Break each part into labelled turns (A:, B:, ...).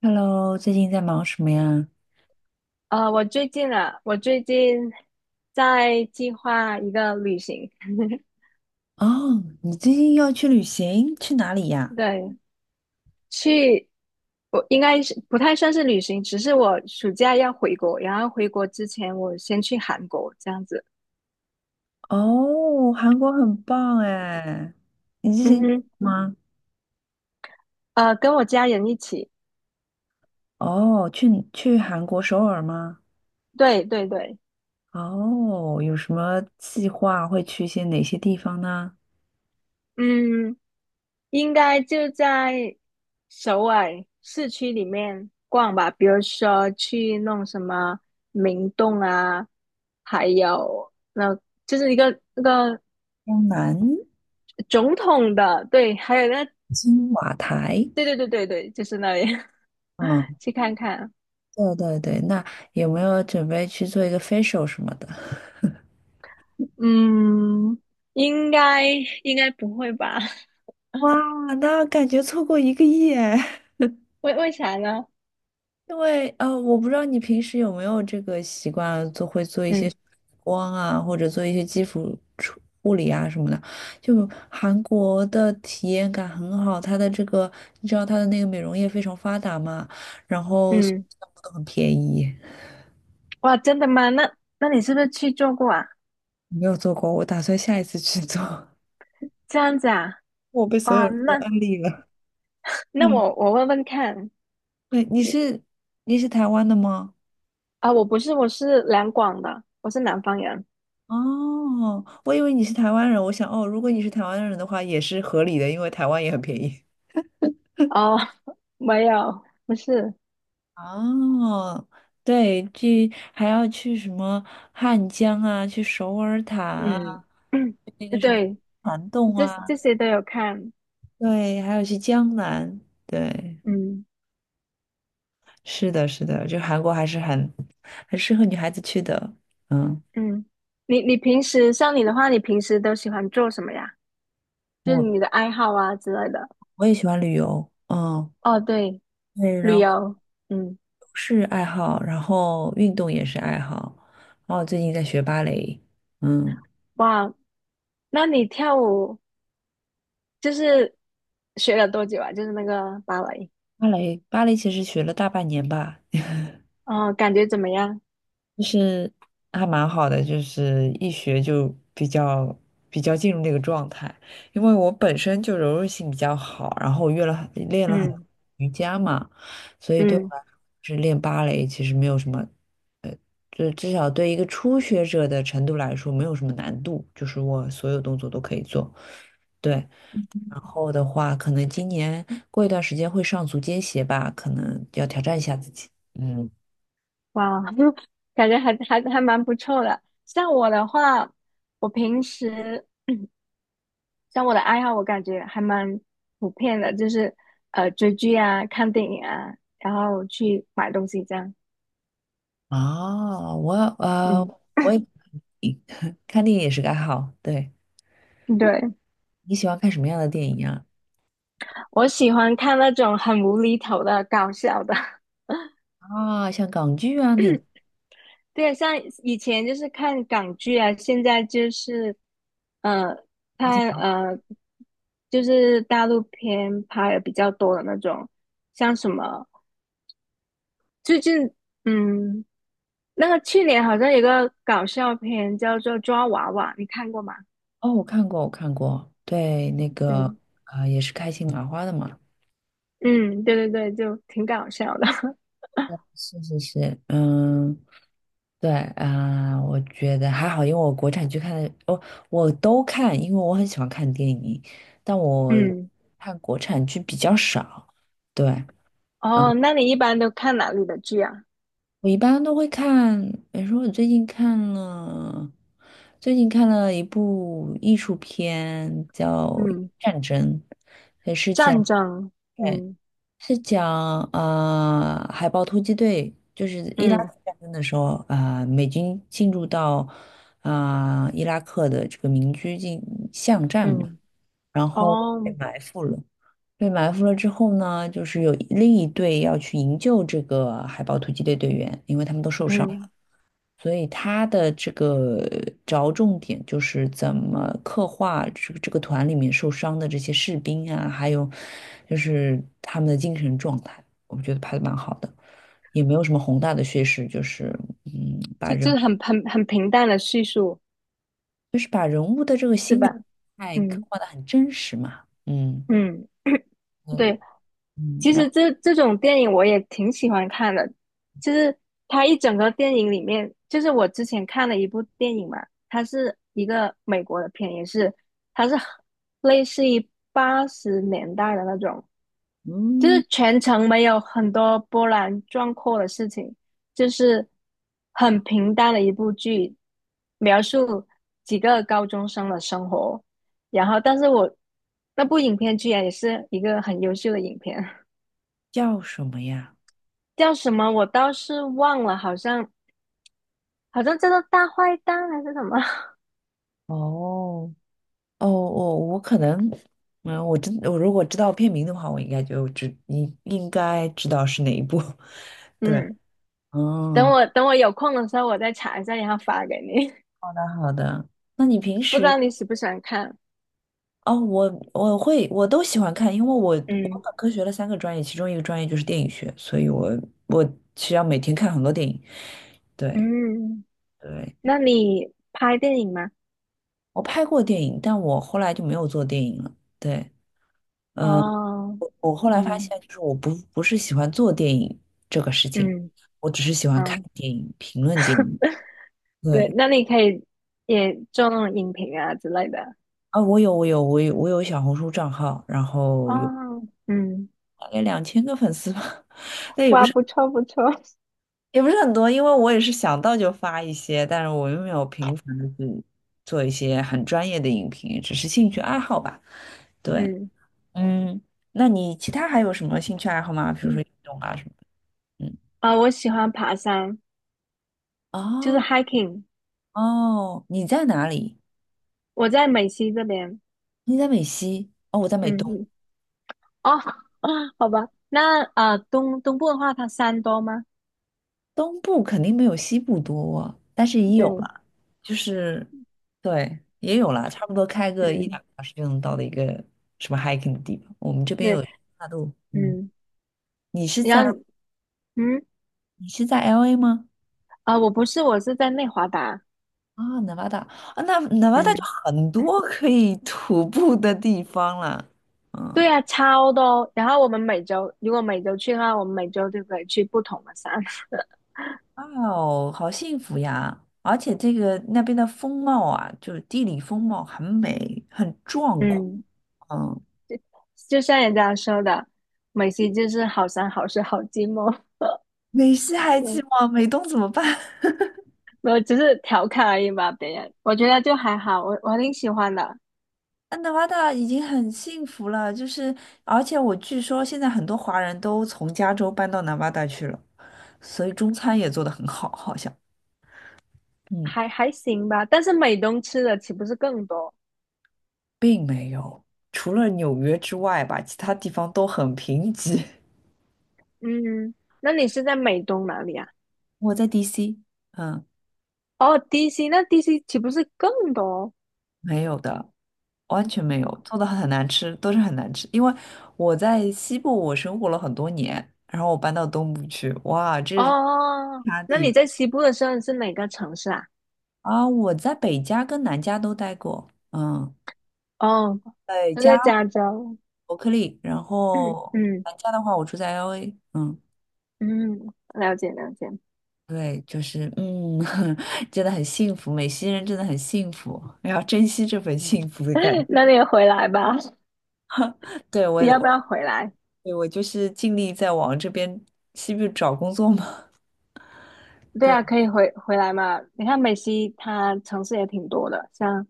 A: Hello，最近在忙什么呀？
B: 我最近啊，我最近在计划一个旅行。
A: 哦，你最近要去旅行，去哪里呀？
B: 对。去，我应该是不太算是旅行，只是我暑假要回国，然后回国之前我先去韩国这样子。
A: 哦，韩国很棒哎，你之
B: 嗯
A: 前
B: 哼。
A: 吗？
B: 跟我家人一起。
A: 哦，去韩国首尔吗？
B: 对对对。
A: 哦，有什么计划会去一些哪些地方呢？
B: 嗯，应该就在首尔市区里面逛吧，比如说去弄什么明洞啊，还有那就是一个那个。
A: 江南、
B: 总统的，对，还有那，
A: 金瓦台，
B: 对对对对对，就是那里。
A: 嗯，
B: 去看看。
A: 对对对，那有没有准备去做一个 facial 什么的？
B: 嗯，应该应该不会吧？
A: 哇，那感觉错过一个亿哎。
B: 为啥呢？
A: 因为我不知道你平时有没有这个习惯，做会做一些
B: 嗯
A: 光啊，或者做一些基础处护理啊什么的。就韩国的体验感很好，它的这个你知道它的那个美容业非常发达嘛，然后所
B: 嗯。
A: 有项目都很便宜。
B: 哇，真的吗？那你是不是去做过啊？
A: 没有做过，我打算下一次去做。
B: 这样子啊？
A: 我被所
B: 哇。
A: 有人都
B: 那
A: 安利了。
B: 那
A: 嗯，
B: 我问问看。
A: 对，你是台湾的吗？
B: 啊，我不是，我是两广的，我是南方人。
A: 哦，我以为你是台湾人，我想哦，如果你是台湾人的话，也是合理的，因为台湾也很便宜。
B: 哦。没有，不是。
A: 哦，对，去还要去什么汉江啊，去首尔塔啊，
B: 嗯。
A: 去那个 什么
B: 对。
A: 涵洞
B: 这这
A: 啊，
B: 些都有看。
A: 对，还要去江南，对，
B: 嗯。
A: 是的，是的，就韩国还是很适合女孩子去的。嗯，
B: 嗯，你平时像你的话，你平时都喜欢做什么呀？就是
A: 我
B: 你的爱好啊之类的。
A: 我也喜欢旅游，嗯，
B: 哦，对，
A: 对，
B: 旅
A: 然后
B: 游。嗯。
A: 是爱好，然后运动也是爱好，然后我最近在学芭蕾，嗯，
B: 哇。那你跳舞就是学了多久啊？就是那个芭蕾。
A: 芭蕾其实学了大半年吧。
B: 哦，感觉怎么样？
A: 就是还蛮好的，就是一学就比较进入那个状态，因为我本身就柔韧性比较好，然后我约了很练了很多
B: 嗯
A: 瑜伽嘛，所以对我
B: 嗯。
A: 来说，是练芭蕾其实没有什么，就至少对一个初学者的程度来说没有什么难度，就是我所有动作都可以做。对，然后的话，可能今年过一段时间会上足尖鞋吧，可能要挑战一下自己。嗯。
B: 哇，感觉还蛮不错的。像我的话，我平时像我的爱好，我感觉还蛮普遍的，就是追剧啊、看电影啊，然后去买东西这样。
A: 哦，呃，
B: 嗯。
A: 我也 看电影也是个爱好。对，
B: 对。
A: 你喜欢看什么样的电影啊？
B: 我喜欢看那种很无厘头的搞笑的。
A: 啊，像港剧啊那种
B: 对，像以前就是看港剧啊，现在就是，呃，
A: 开心
B: 看
A: 麻花。
B: 就是大陆片拍的比较多的那种，像什么最近，嗯，那个去年好像有个搞笑片叫做《抓娃娃》，你看过吗？
A: 哦，我看过，我看过。对，那个
B: 对。
A: 也是开心麻花的嘛。
B: 嗯。对对对，就挺搞笑的。
A: 是是是，嗯，对啊、我觉得还好，因为我国产剧看的，哦，我都看，因为我很喜欢看电影，但 我
B: 嗯。
A: 看国产剧比较少。对。
B: 哦，
A: 嗯
B: 那你一般都看哪里的剧啊？
A: 我一般都会看，比如说我最近看了一部艺术片叫
B: 嗯。
A: 《战争》，也是
B: 战
A: 讲
B: 争。嗯
A: 海豹突击队，就是伊拉
B: 嗯
A: 克战争的时候，啊、美军进入到啊、伊拉克的这个民居进巷战嘛，
B: 嗯。
A: 然后被
B: 哦。
A: 埋伏了。被埋伏了之后呢，就是有另一队要去营救这个海豹突击队队员，因为他们都受伤。
B: 嗯。
A: 所以他的这个着重点就是怎么刻画这个团里面受伤的这些士兵啊，还有就是他们的精神状态，我觉得拍的蛮好的，也没有什么宏大的叙事，就是嗯，把
B: 就就
A: 人
B: 是很平淡的叙述，
A: 把人物的这个
B: 是
A: 心
B: 吧？
A: 理态刻
B: 嗯
A: 画的很真实嘛。嗯
B: 嗯。
A: 嗯
B: 对。
A: 嗯。
B: 其
A: 然
B: 实
A: 后
B: 这种电影我也挺喜欢看的，就是它一整个电影里面，就是我之前看了一部电影嘛，它是一个美国的片，也是它是类似于80年代的那种，就是
A: 嗯
B: 全程没有很多波澜壮阔的事情，就是很平淡的一部剧，描述几个高中生的生活。然后，但是我那部影片居然也是一个很优秀的影片。
A: 叫什么呀？
B: 叫什么我倒是忘了，好像叫做《大坏蛋》还是什么？
A: 哦。我可能，嗯，我如果知道片名的话，我应该就知，你应该知道是哪一部。对，
B: 嗯。等
A: 嗯，
B: 我等我有空的时候我再查一下，然后发给你。
A: 好的好的。那你平
B: 不知
A: 时，
B: 道你喜不喜欢看？
A: 哦，我都喜欢看，因为我
B: 嗯
A: 本科学了三个专业，其中一个专业就是电影学，所以我需要每天看很多电影。对
B: 嗯。
A: 对，
B: 那你拍电影吗？
A: 我拍过电影，但我后来就没有做电影了。对。呃
B: 哦。
A: 我后来发
B: 嗯
A: 现，就是我不是喜欢做电影这个事情，
B: 嗯
A: 我只是喜欢看
B: 哦。
A: 电影、评论电影。
B: 对，
A: 对，
B: 那你可以也做那种影评啊之类的。
A: 啊，我有小红书账号，然后有
B: 哦。嗯。
A: 大概2000个粉丝吧，那也不
B: 哇，
A: 是
B: 不错不错。
A: 也不是很多，因为我也是想到就发一些，但是我又没有频繁的去做一些很专业的影评，只是兴趣爱好吧。对，
B: 嗯。
A: 嗯，那你其他还有什么兴趣爱好吗？比如说运动啊什么的？嗯，
B: 啊、我喜欢爬山，就是
A: 哦
B: hiking。
A: 哦，你在哪里？
B: 我在美西这边。
A: 你在美西，哦，我在美东，
B: 嗯。哦。好吧。那东部的话，它山多吗？
A: 东部肯定没有西部多啊，但是也有
B: 对。
A: 了，就是，对，也有了，差不多开个一两
B: 嗯。
A: 个小时就能到的一个什么 hiking 的地方。我们这边
B: 对。
A: 有大陆，嗯，
B: 嗯。
A: 你是在
B: 然后，嗯。
A: 你是在 LA 吗？
B: 啊、我不是，我是在内华达。
A: 啊南 e 大啊，那南 e 大就
B: 嗯。
A: 很多可以徒步的地方了，嗯，
B: 对啊，超多。然后我们每周，如果每周去的话，我们每周就可以去不同的山。
A: 哦，好幸福呀！而且这个那边的风貌啊，就是地理风貌很美，很 壮阔。
B: 嗯。
A: 嗯。
B: 就像人家说的，美西就是好山好水好寂寞。
A: 美西还寂 寞，美东怎么办？
B: 我只是调侃而已吧，别人我觉得就还好，我挺喜欢的。
A: 安达巴大已经很幸福了，就是而且我据说现在很多华人都从加州搬到南巴达去了，所以中餐也做得很好，好像。嗯，
B: 还行吧。但是美东吃的岂不是更多？
A: 并没有，除了纽约之外吧，其他地方都很贫瘠。
B: 嗯。那你是在美东哪里啊？
A: 我在 DC，嗯，
B: 哦，DC,那 DC 岂不是更多？
A: 没有的，完全没有，做的很难吃，都是很难吃。因为我在西部我生活了很多年，然后我搬到东部去，哇，这是。
B: 哦，那你在西部的时候是哪个城市啊？
A: 啊，我在北加跟南加都待过，嗯，
B: 哦，
A: 北
B: 我
A: 加
B: 在加州。
A: 伯克利，然
B: 嗯
A: 后
B: 嗯
A: 南加的话，我住在 LA，嗯，
B: 嗯。了解了解。
A: 对，就是真的很幸福，美西人真的很幸福，要珍惜这份幸福的感觉。
B: 那你也回来吧。
A: 对，
B: 你要不要
A: 对，
B: 回来？
A: 我就是尽力在往这边西部找工作嘛。
B: 对
A: 对。
B: 啊，可以回来嘛。你看美西它城市也挺多的，像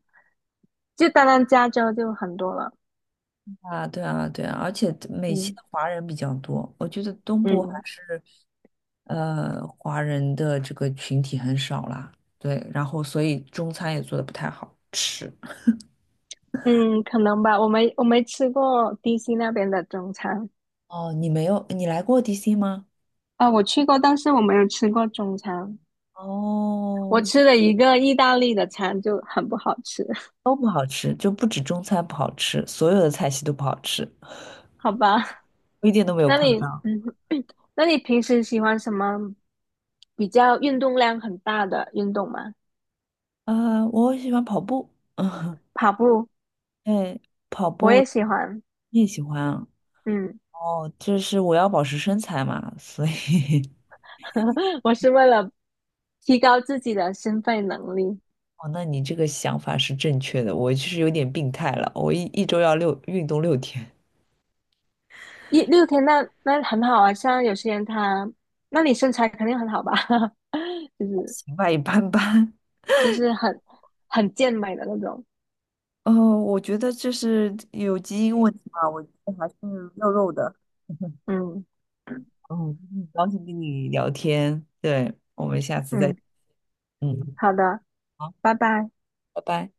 B: 就单单加州就很多了。
A: 啊，对啊，对啊，而且美籍
B: 嗯
A: 的华人比较多，我觉得东部还
B: 嗯。
A: 是，华人的这个群体很少啦。对，然后所以中餐也做的不太好吃。
B: 嗯，可能吧。我没吃过 DC 那边的中餐
A: 哦，你没有，你来过 DC 吗？
B: 啊，我去过，但是我没有吃过中餐。
A: 哦，
B: 我吃了一个意大利的餐就很不好吃。
A: 都不好吃，就不止中餐不好吃，所有的菜系都不好吃，
B: 好吧？
A: 我一点都没有
B: 那
A: 夸
B: 你
A: 张。
B: 嗯，那你平时喜欢什么比较运动量很大的运动吗？
A: 啊、我喜欢跑步，嗯，
B: 跑步，
A: 对，跑
B: 我
A: 步
B: 也喜欢。
A: 你也喜欢。啊？
B: 嗯。
A: 哦，就是我要保持身材嘛，所以
B: 我是为了提高自己的心肺能力。
A: 哦，那你这个想法是正确的，我其实有点病态了，我一周要运动6天，
B: 一六天那很好啊，像有些人他，那你身材肯定很好吧。就
A: 还
B: 是
A: 行吧，一般般。
B: 就是很很健美的那种。
A: 哦，我觉得这是有基因问题吧，我觉得还是肉肉的
B: 嗯
A: 嗯，很高兴跟你聊天，对，我们下次再，
B: 嗯。
A: 嗯，
B: 好的，
A: 好，
B: 拜拜。
A: 拜拜。